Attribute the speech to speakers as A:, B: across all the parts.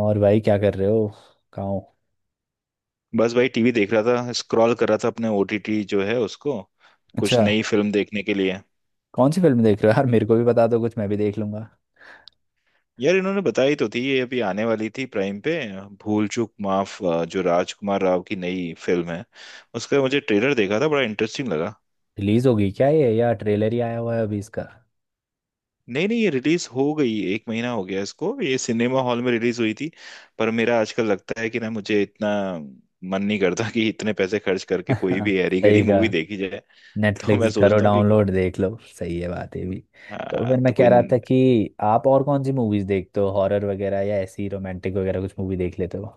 A: और भाई क्या कर रहे हो? कहाँ हो?
B: बस भाई टीवी देख रहा था स्क्रॉल कर रहा था अपने ओटीटी जो है उसको कुछ
A: अच्छा।
B: नई फिल्म देखने के लिए।
A: कौन सी फिल्म देख रहे हो यार? मेरे को भी बता दो कुछ, मैं भी देख लूंगा।
B: यार इन्होंने बताई तो थी ये अभी आने वाली थी प्राइम पे भूल चूक माफ जो राजकुमार राव की नई फिल्म है। उसका मुझे ट्रेलर देखा था बड़ा इंटरेस्टिंग लगा।
A: रिलीज होगी क्या ये, या ट्रेलर ही आया हुआ है अभी इसका?
B: नहीं नहीं ये रिलीज हो गई एक महीना हो गया इसको ये सिनेमा हॉल में रिलीज हुई थी। पर मेरा आजकल लगता है कि ना मुझे इतना मन नहीं करता कि इतने पैसे खर्च करके कोई भी हैरी गैरी
A: सही
B: मूवी
A: कहा।
B: देखी जाए। तो मैं
A: नेटफ्लिक्स करो,
B: सोचता हूँ कि
A: डाउनलोड देख लो, सही है बात है भी। तो
B: हाँ,
A: फिर मैं
B: तो
A: कह
B: कोई।
A: रहा था कि आप और कौन सी मूवीज देखते हो, हॉरर वगैरह या ऐसी रोमांटिक वगैरह कुछ मूवी देख लेते हो?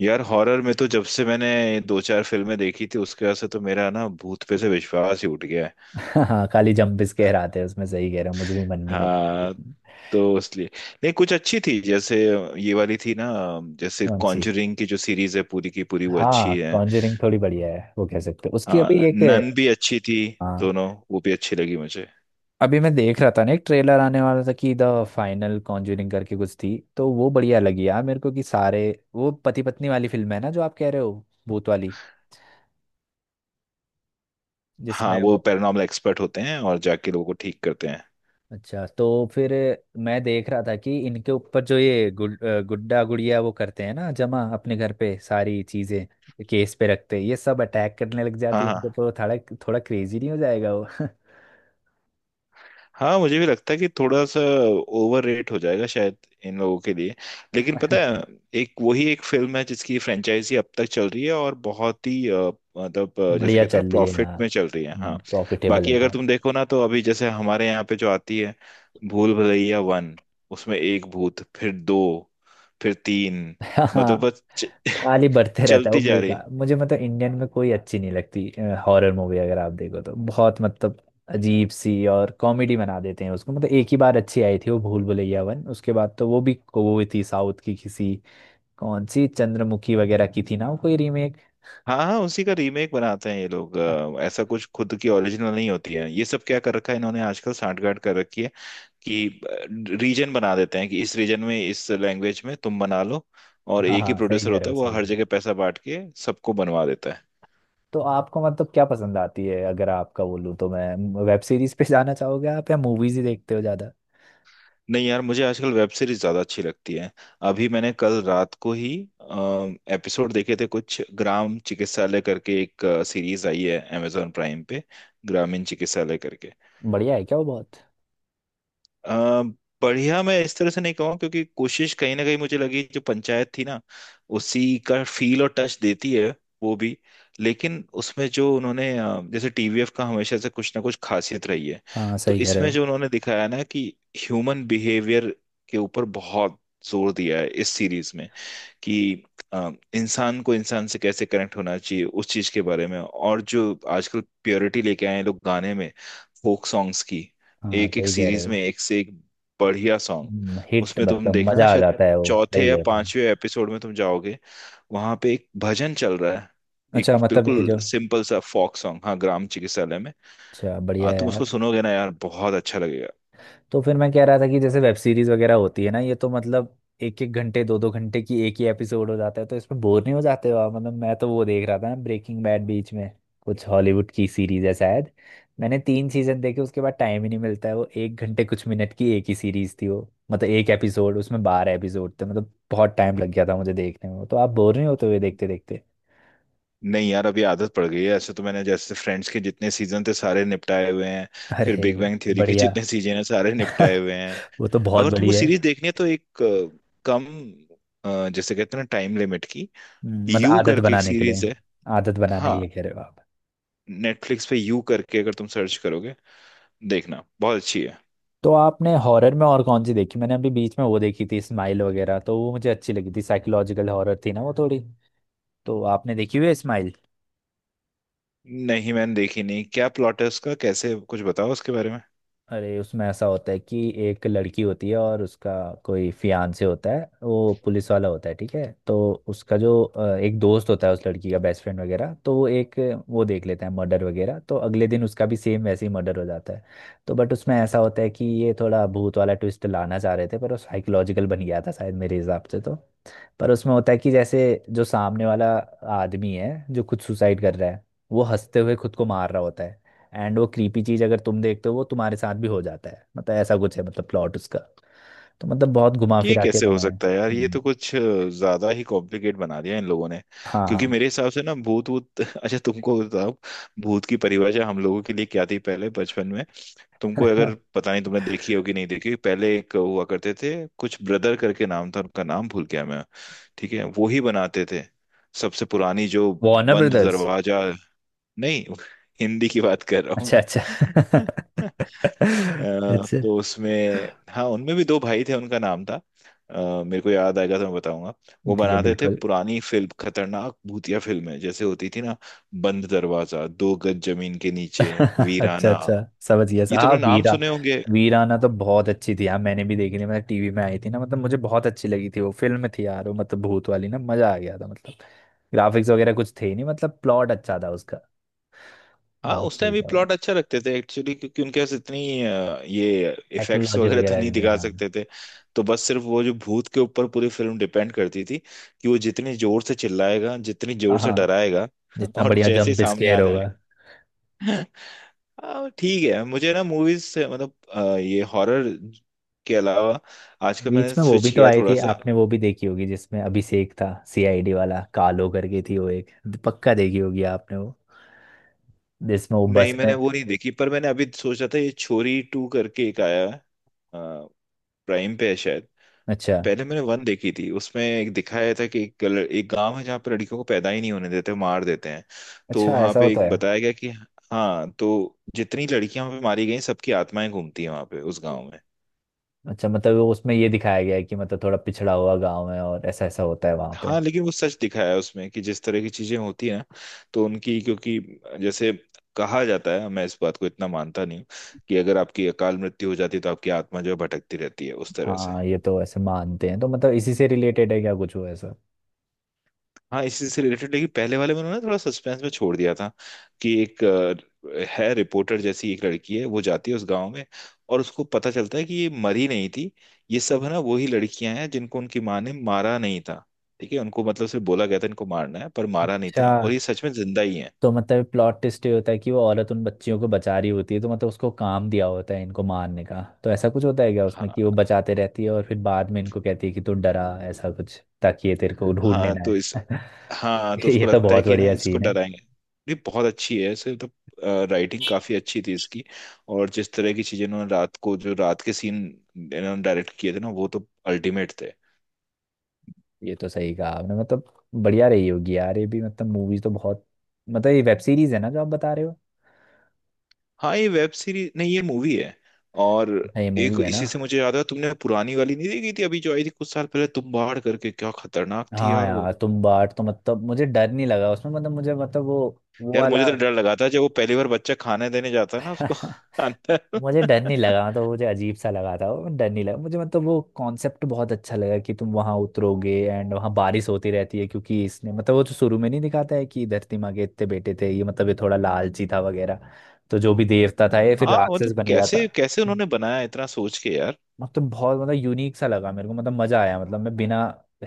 B: यार हॉरर में तो जब से मैंने दो चार फिल्में देखी थी उसके बाद से तो मेरा ना भूत पे से विश्वास ही उठ गया है।
A: हाँ, खाली जंप स्केयर आते हैं उसमें। सही कह रहे हो, मुझे भी मन नहीं करता
B: हाँ
A: देखने का।
B: तो इसलिए नहीं कुछ अच्छी थी जैसे ये वाली थी ना। जैसे
A: कौन सी?
B: कॉन्जरिंग की जो सीरीज है पूरी की पूरी वो
A: हाँ,
B: अच्छी है।
A: कॉन्जरिंग थोड़ी बढ़िया है, वो कह सकते हो। उसकी अभी
B: हाँ
A: एक।
B: नन भी अच्छी थी
A: हाँ।
B: दोनों वो भी अच्छी लगी मुझे।
A: अभी मैं देख रहा था ना, एक ट्रेलर आने वाला था कि द फाइनल कॉन्ज्यूरिंग करके कुछ थी, तो वो बढ़िया लगी यार मेरे को। कि सारे वो पति पत्नी वाली फिल्म है ना जो आप कह रहे हो, भूत वाली,
B: हाँ
A: जिसमें
B: वो
A: वो।
B: पैरानॉर्मल एक्सपर्ट होते हैं और जाके लोगों को ठीक करते हैं।
A: अच्छा, तो फिर मैं देख रहा था कि इनके ऊपर जो ये गुड्डा गुड़िया वो करते हैं ना, जमा अपने घर पे सारी चीजें केस पे रखते हैं, ये सब अटैक करने लग
B: हाँ
A: जाती है इनके
B: हाँ।
A: ऊपर वो थोड़ा। थोड़ा क्रेजी नहीं हो जाएगा वो?
B: हाँ मुझे भी लगता है कि थोड़ा सा ओवर रेट हो जाएगा शायद इन लोगों के लिए। लेकिन पता है एक वही एक फिल्म है जिसकी फ्रेंचाइजी अब तक चल रही है और बहुत ही मतलब जैसे
A: बढ़िया
B: कहते हैं ना
A: चल रही है
B: प्रॉफिट
A: यार।
B: में चल रही है हाँ।
A: प्रॉफिटेबल है
B: बाकी अगर
A: बहुत।
B: तुम देखो ना तो अभी जैसे हमारे यहाँ पे जो आती है भूल भुलैया वन उसमें एक भूत फिर दो फिर तीन मतलब बस
A: खाली बढ़ते रहता है वो,
B: चलती जा रही।
A: बेकार मुझे। मतलब इंडियन में कोई अच्छी नहीं लगती हॉरर मूवी, अगर आप देखो तो। बहुत मतलब अजीब सी और कॉमेडी बना देते हैं उसको। मतलब एक ही बार अच्छी आई थी वो भूल भुलैया वन, उसके बाद तो वो भी वो थी साउथ की किसी। कौन सी चंद्रमुखी वगैरह की थी ना वो, कोई रीमेक।
B: हाँ हाँ उसी का रीमेक बनाते हैं ये लोग ऐसा कुछ खुद की ओरिजिनल नहीं होती है ये सब क्या कर रखा है इन्होंने आजकल सांठगांठ कर रखी है कि रीजन बना देते हैं कि इस रीजन में इस लैंग्वेज में तुम बना लो और
A: हाँ
B: एक ही
A: हाँ, सही
B: प्रोड्यूसर
A: कह रहे
B: होता
A: हो,
B: है वो
A: सही
B: हर
A: कह रहे हो।
B: जगह पैसा बांट के सबको बनवा देता है।
A: तो आपको मतलब क्या पसंद आती है? अगर आपका बोलूँ तो मैं, वेब सीरीज पे जाना चाहोगे आप या मूवीज ही देखते हो ज्यादा?
B: नहीं यार मुझे आजकल वेब सीरीज ज्यादा अच्छी लगती है। अभी मैंने कल रात को ही एपिसोड देखे थे कुछ ग्राम चिकित्सालय करके एक सीरीज आई है अमेजोन प्राइम पे। ग्रामीण चिकित्सालय करके।
A: बढ़िया है क्या वो बहुत?
B: अ, बढ़िया मैं इस तरह से नहीं कहूँ क्योंकि कोशिश कहीं ना कहीं मुझे लगी जो पंचायत थी ना उसी का फील और टच देती है वो भी। लेकिन उसमें जो उन्होंने जैसे टीवीएफ का हमेशा से कुछ ना कुछ खासियत रही है।
A: हाँ,
B: तो
A: सही कह रहे
B: इसमें
A: हो।
B: जो उन्होंने दिखाया ना कि ह्यूमन बिहेवियर के ऊपर बहुत जोर दिया है इस सीरीज में कि इंसान को इंसान से कैसे कनेक्ट होना चाहिए उस चीज के बारे में और जो आजकल प्योरिटी लेके आए हैं लोग गाने में फोक सॉन्ग्स की।
A: हाँ,
B: एक एक
A: सही कह रहे
B: सीरीज में
A: हो।
B: एक से एक बढ़िया सॉन्ग।
A: हिट
B: उसमें तुम
A: मतलब
B: देखना
A: मजा आ
B: शायद
A: जाता है वो,
B: चौथे
A: सही
B: या
A: कह रहे हैं।
B: पांचवे एपिसोड में तुम जाओगे वहां पे एक भजन चल रहा है
A: अच्छा,
B: एक
A: मतलब ये
B: बिल्कुल
A: जो।
B: सिंपल सा फोक सॉन्ग हाँ ग्राम चिकित्सालय में।
A: अच्छा, बढ़िया
B: आ
A: है
B: तुम उसको
A: यार।
B: सुनोगे ना यार बहुत अच्छा लगेगा।
A: तो फिर मैं कह रहा था कि जैसे वेब सीरीज वगैरह होती है ना, ये तो मतलब एक एक घंटे दो दो घंटे की एक ही एपिसोड हो जाता है, तो इसमें बोर नहीं हो जाते हो आप? मतलब मैं तो वो देख रहा था ना ब्रेकिंग बैड, बीच में कुछ हॉलीवुड की सीरीज है शायद। मैंने तीन सीजन देखे, उसके बाद टाइम ही नहीं मिलता है। वो एक घंटे कुछ मिनट की एक ही सीरीज थी वो। मतलब एक एपिसोड, उसमें 12 एपिसोड थे, मतलब बहुत टाइम लग गया था मुझे देखने में वो। तो आप बोर नहीं होते हुए देखते देखते?
B: नहीं यार अभी आदत पड़ गई है ऐसे तो मैंने जैसे फ्रेंड्स के जितने सीजन थे सारे निपटाए हुए हैं। फिर
A: अरे।
B: बिग बैंग थ्योरी के
A: बढ़िया।
B: जितने सीजन है सारे निपटाए हुए हैं।
A: वो तो बहुत
B: अगर
A: बड़ी
B: तुमको
A: है।
B: सीरीज देखनी है तो एक कम जैसे कहते हैं ना टाइम लिमिट की
A: मतलब
B: यू
A: आदत
B: करके एक
A: बनाने के लिए।
B: सीरीज है।
A: आदत बनाने के
B: हाँ
A: लिए कह रहे हो आप?
B: नेटफ्लिक्स पे यू करके अगर तुम सर्च करोगे देखना बहुत अच्छी है।
A: तो आपने हॉरर में और कौन सी देखी? मैंने अभी बीच में वो देखी थी स्माइल वगैरह, तो वो मुझे अच्छी लगी थी। साइकोलॉजिकल हॉरर थी ना वो थोड़ी। तो आपने देखी हुई है स्माइल?
B: नहीं मैंने देखी नहीं क्या प्लॉट है उसका कैसे कुछ बताओ उसके बारे में।
A: अरे, उसमें ऐसा होता है कि एक लड़की होती है और उसका कोई फियांसे होता है, वो पुलिस वाला होता है, ठीक है? तो उसका जो एक दोस्त होता है, उस लड़की का बेस्ट फ्रेंड वगैरह, तो वो एक वो देख लेता है मर्डर वगैरह, तो अगले दिन उसका भी सेम वैसे ही मर्डर हो जाता है। तो बट उसमें ऐसा होता है कि ये थोड़ा भूत वाला ट्विस्ट लाना चाह रहे थे, पर वो साइकोलॉजिकल बन गया था शायद मेरे हिसाब से तो। पर उसमें होता है कि जैसे जो सामने वाला आदमी है जो खुद सुसाइड कर रहा है, वो हंसते हुए खुद को मार रहा होता है। एंड वो क्रीपी चीज अगर तुम देखते हो वो तुम्हारे साथ भी हो जाता है, मतलब ऐसा कुछ है, मतलब प्लॉट उसका। तो मतलब बहुत घुमा
B: ये
A: फिरा के
B: कैसे हो
A: बना है।
B: सकता है यार ये तो कुछ ज्यादा ही कॉम्प्लिकेट बना दिया इन लोगों ने। क्योंकि
A: हाँ।
B: मेरे हिसाब से ना भूत वूत अच्छा तुमको बताओ भूत की परिभाषा हम लोगों के लिए क्या थी पहले बचपन में। तुमको अगर पता नहीं तुमने देखी होगी नहीं देखी होगी, पहले एक हुआ करते थे कुछ ब्रदर करके नाम था उनका नाम भूल गया मैं। ठीक है वो ही बनाते थे सबसे पुरानी जो
A: वार्नर
B: बंद
A: ब्रदर्स।
B: दरवाजा। नहीं हिंदी की बात कर रहा हूँ
A: अच्छा अच्छा।
B: मैं अ,
A: अच्छा।
B: तो उसमें हाँ उनमें भी दो भाई थे उनका नाम था मेरे को याद आएगा तो मैं बताऊंगा। वो
A: ठीक है
B: बनाते थे
A: बिल्कुल।
B: पुरानी फिल्म खतरनाक भूतिया फिल्में जैसे होती थी ना बंद दरवाजा 2 गज जमीन के नीचे
A: अच्छा
B: वीराना
A: अच्छा, समझ गया सर,
B: ये
A: हाँ
B: तुमने नाम
A: वीरा।
B: सुने होंगे।
A: वीराना तो बहुत अच्छी थी यार, मैंने भी देखी थी। मतलब टीवी में आई थी ना, मतलब मुझे बहुत अच्छी लगी थी वो फिल्म थी यार वो, मतलब भूत वाली ना, मजा आ गया था मतलब। ग्राफिक्स वगैरह कुछ थे ही नहीं, मतलब प्लॉट अच्छा था उसका।
B: हाँ
A: बहुत
B: उस
A: सही
B: टाइम भी
A: था।
B: प्लॉट अच्छा रखते थे एक्चुअली क्योंकि उनके पास इतनी ये इफेक्ट्स
A: टेक्नोलॉजी
B: वगैरह तो
A: वगैरह
B: नहीं
A: नहीं,
B: दिखा
A: हाँ।
B: सकते थे। तो बस सिर्फ वो जो भूत के ऊपर पूरी फिल्म डिपेंड करती थी कि वो जितनी जोर से चिल्लाएगा जितनी
A: हाँ
B: जोर से
A: हाँ,
B: डराएगा
A: जितना
B: और
A: बढ़िया
B: जैसे ही
A: जंप
B: सामने
A: स्केयर
B: आ जाए
A: होगा।
B: ठीक है मुझे ना मूवीज से मतलब ये हॉरर के अलावा आजकल
A: बीच
B: मैंने
A: में वो
B: स्विच
A: भी तो
B: किया
A: आई
B: थोड़ा
A: थी,
B: सा।
A: आपने वो भी देखी होगी, जिसमें अभिषेक था सीआईडी वाला, कालो करके थी वो एक। पक्का देखी होगी आपने वो, जिसमें वो
B: नहीं
A: बस में।
B: मैंने वो नहीं देखी पर मैंने अभी सोचा था ये छोरी टू करके एक आया है प्राइम पे है शायद।
A: अच्छा।
B: पहले मैंने वन देखी थी उसमें एक दिखाया था कि एक एक गांव है जहाँ पर लड़कियों को पैदा ही नहीं होने देते मार देते हैं। तो
A: अच्छा,
B: वहां
A: ऐसा
B: पे
A: होता
B: एक
A: है।
B: बताया गया कि हाँ तो जितनी लड़कियां वहां पे मारी गई सबकी आत्माएं घूमती हैं वहां पे उस गाँव में।
A: अच्छा, मतलब वो उसमें ये दिखाया गया है कि मतलब थोड़ा पिछड़ा हुआ गांव है और ऐसा ऐसा होता है वहां पे।
B: हाँ लेकिन वो सच दिखाया है उसमें कि जिस तरह की चीजें होती है ना तो उनकी क्योंकि जैसे कहा जाता है मैं इस बात को इतना मानता नहीं हूँ कि अगर आपकी अकाल मृत्यु हो जाती है तो आपकी आत्मा जो है भटकती रहती है उस तरह से।
A: हाँ, ये तो ऐसे मानते हैं, तो मतलब इसी से रिलेटेड है क्या कुछ वो ऐसा?
B: हाँ इसी से रिलेटेड लेकिन पहले वाले में उन्होंने थोड़ा सस्पेंस में छोड़ दिया था कि एक है रिपोर्टर जैसी एक लड़की है वो जाती है उस गांव में और उसको पता चलता है कि ये मरी नहीं थी ये सब है ना वही लड़कियां हैं जिनको उनकी माँ ने मारा नहीं था। ठीक है उनको मतलब सिर्फ बोला गया था इनको मारना है पर मारा नहीं
A: अच्छा,
B: था और ये सच में जिंदा ही
A: तो मतलब प्लॉट ट्विस्ट ये होता है कि वो औरत उन बच्चियों को बचा रही होती है, तो मतलब उसको काम दिया होता है इनको मारने का, तो ऐसा कुछ होता है क्या उसमें कि
B: है।
A: वो बचाते रहती है और फिर बाद में इनको कहती है कि तू डरा ऐसा कुछ, ताकि ये तेरे को ढूंढने
B: हाँ
A: ना
B: तो इस
A: आए?
B: हाँ तो
A: ये
B: उसको
A: तो
B: लगता है
A: बहुत
B: कि ना
A: बढ़िया
B: इसको
A: सीन है।
B: डराएंगे। ये बहुत अच्छी है ऐसे तो राइटिंग काफी अच्छी थी इसकी और जिस तरह की चीजें इन्होंने रात को जो रात के सीन इन्होंने डायरेक्ट किए थे ना वो तो अल्टीमेट थे।
A: ये तो सही कहा आपने, मतलब बढ़िया रही होगी यार ये भी, मतलब मूवीज तो बहुत। मतलब ये वेब सीरीज है ना जो आप बता रहे हो?
B: हाँ ये वेब सीरीज नहीं ये मूवी है। और
A: हाँ, ये मूवी
B: एक
A: है ना?
B: इसी से मुझे याद आया तुमने पुरानी वाली नहीं देखी थी अभी जो आई थी कुछ साल पहले तुम बाढ़ करके क्या खतरनाक थी
A: हाँ
B: यार वो।
A: यार तुम बाट, तो मतलब मुझे डर नहीं लगा उसमें, मतलब मुझे, मतलब वो
B: यार मुझे
A: वाला।
B: तो डर लगा था जब वो पहली बार बच्चा खाने देने जाता है ना उसको अंदर।
A: मुझे डर नहीं लगा, मतलब मुझे अजीब सा लगा था वो, डर नहीं लगा मुझे। मतलब वो कॉन्सेप्ट बहुत अच्छा लगा कि तुम वहां उतरोगे एंड वहां बारिश होती रहती है, क्योंकि इसने मतलब वो तो शुरू में नहीं दिखाता है कि धरती माँ के इतने बेटे थे, ये मतलब ये थोड़ा लालची था वगैरह। तो जो भी देवता था ये फिर
B: हाँ
A: राक्षस
B: मतलब
A: बन गया
B: कैसे
A: था।
B: कैसे उन्होंने बनाया इतना सोच के यार।
A: मतलब बहुत, मतलब यूनिक सा लगा मेरे को, मतलब मजा आया, मतलब मैं बिना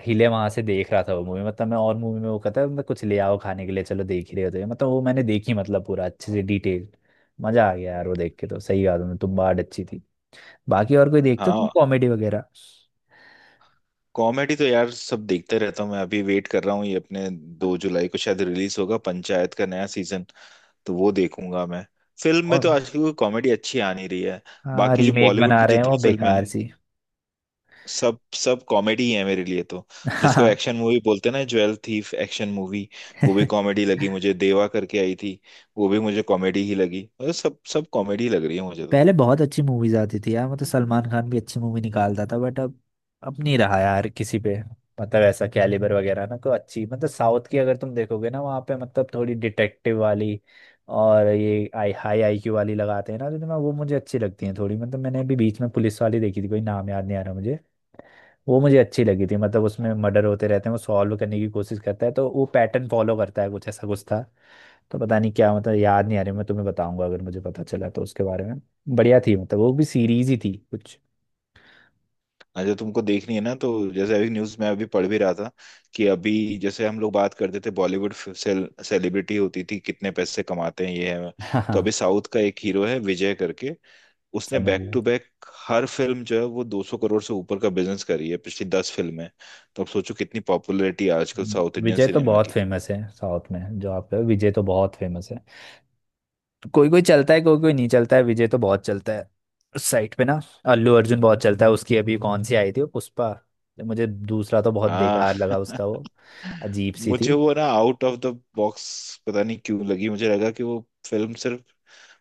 A: हिले वहां से देख रहा था वो मूवी। मतलब मैं, और मूवी में वो कहता है मतलब कुछ ले आओ खाने के लिए, चलो देख ही रहे होते हैं, मतलब वो मैंने देखी मतलब पूरा अच्छे से डिटेल। मजा आ गया यार वो देख के, तो सही कहा तुमने, तुम बात अच्छी थी। बाकी और कोई देखते हो तुम,
B: हाँ
A: कॉमेडी वगैरह?
B: कॉमेडी तो यार सब देखते रहता हूँ मैं अभी वेट कर रहा हूँ ये अपने 2 जुलाई को शायद रिलीज होगा पंचायत का नया सीजन तो वो देखूंगा मैं। फिल्म में तो
A: और।
B: आजकल कोई कॉमेडी अच्छी आ नहीं रही है।
A: हाँ,
B: बाकी जो
A: रीमेक
B: बॉलीवुड
A: बना
B: की
A: रहे हैं वो
B: जितनी फिल्में हैं,
A: बेकार सी।
B: सब सब कॉमेडी ही है मेरे लिए तो जिसको
A: हाँ।
B: एक्शन मूवी बोलते हैं ना ज्वेल थीफ एक्शन मूवी वो भी कॉमेडी लगी मुझे देवा करके आई थी वो भी मुझे कॉमेडी ही लगी मतलब सब सब कॉमेडी लग रही है मुझे तो।
A: पहले बहुत अच्छी मूवीज आती थी यार, मतलब सलमान खान भी अच्छी मूवी निकालता था, बट अब नहीं रहा यार किसी पे। मतलब ऐसा कैलिबर वगैरह ना, कोई अच्छी। मतलब साउथ की अगर तुम देखोगे ना, वहाँ पे मतलब थोड़ी डिटेक्टिव वाली। और ये आई हाई IQ वाली लगाते हैं ना, तो मैं वो मुझे अच्छी लगती है थोड़ी। मतलब मैंने अभी बीच में पुलिस वाली देखी थी, कोई नाम याद नहीं आ रहा मुझे। वो मुझे अच्छी लगी थी, मतलब उसमें मर्डर होते रहते हैं, वो सॉल्व करने की कोशिश करता है, तो वो पैटर्न फॉलो करता है कुछ, ऐसा कुछ था। तो पता नहीं क्या, मतलब याद नहीं आ रही। मैं तुम्हें बताऊंगा अगर मुझे पता चला तो उसके बारे में। बढ़िया थी, मतलब वो भी सीरीज ही थी कुछ।
B: हाँ जो तुमको देखनी है ना तो जैसे अभी न्यूज में अभी पढ़ भी रहा था कि अभी जैसे हम लोग बात करते थे बॉलीवुड सेलिब्रिटी होती थी कितने पैसे कमाते हैं ये है।
A: हाँ
B: तो अभी
A: हाँ,
B: साउथ का एक हीरो है विजय करके उसने
A: समझ
B: बैक
A: लो।
B: टू बैक हर फिल्म जो है वो 200 करोड़ से ऊपर का बिजनेस करी है पिछली 10 फिल्में। तो अब सोचो कितनी पॉपुलैरिटी है आजकल साउथ इंडियन
A: विजय तो
B: सिनेमा
A: बहुत
B: की।
A: फेमस है साउथ में, जो आप कहो, विजय तो बहुत फेमस है। तो कोई कोई चलता है कोई कोई नहीं चलता है, विजय तो बहुत चलता है उस साइड पे ना। अल्लू अर्जुन बहुत चलता है। उसकी अभी कौन सी आई थी वो, पुष्पा। मुझे दूसरा तो बहुत
B: हाँ
A: बेकार लगा उसका वो, अजीब सी थी।
B: मुझे वो ना आउट ऑफ द बॉक्स पता नहीं क्यों लगी मुझे लगा कि वो फिल्म सिर्फ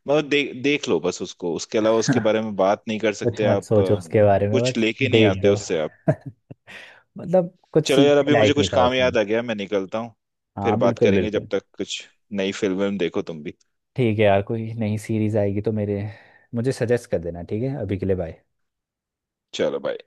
B: मतलब देख लो बस उसको उसके अलावा उसके बारे में बात नहीं कर
A: कुछ
B: सकते
A: मत
B: आप
A: सोचो उसके बारे में
B: कुछ
A: बस,
B: लेके नहीं
A: देख
B: आते
A: दो।
B: उससे आप।
A: मतलब कुछ
B: चलो यार
A: सीखने
B: अभी मुझे
A: लायक
B: कुछ
A: नहीं था
B: काम
A: उसमें।
B: याद आ गया मैं निकलता हूँ।
A: हाँ,
B: फिर बात
A: बिल्कुल
B: करेंगे जब
A: बिल्कुल।
B: तक कुछ नई फिल्म देखो तुम भी।
A: ठीक है यार, कोई नई सीरीज आएगी तो मेरे मुझे सजेस्ट कर देना। ठीक है, अभी के लिए बाय।
B: चलो बाय।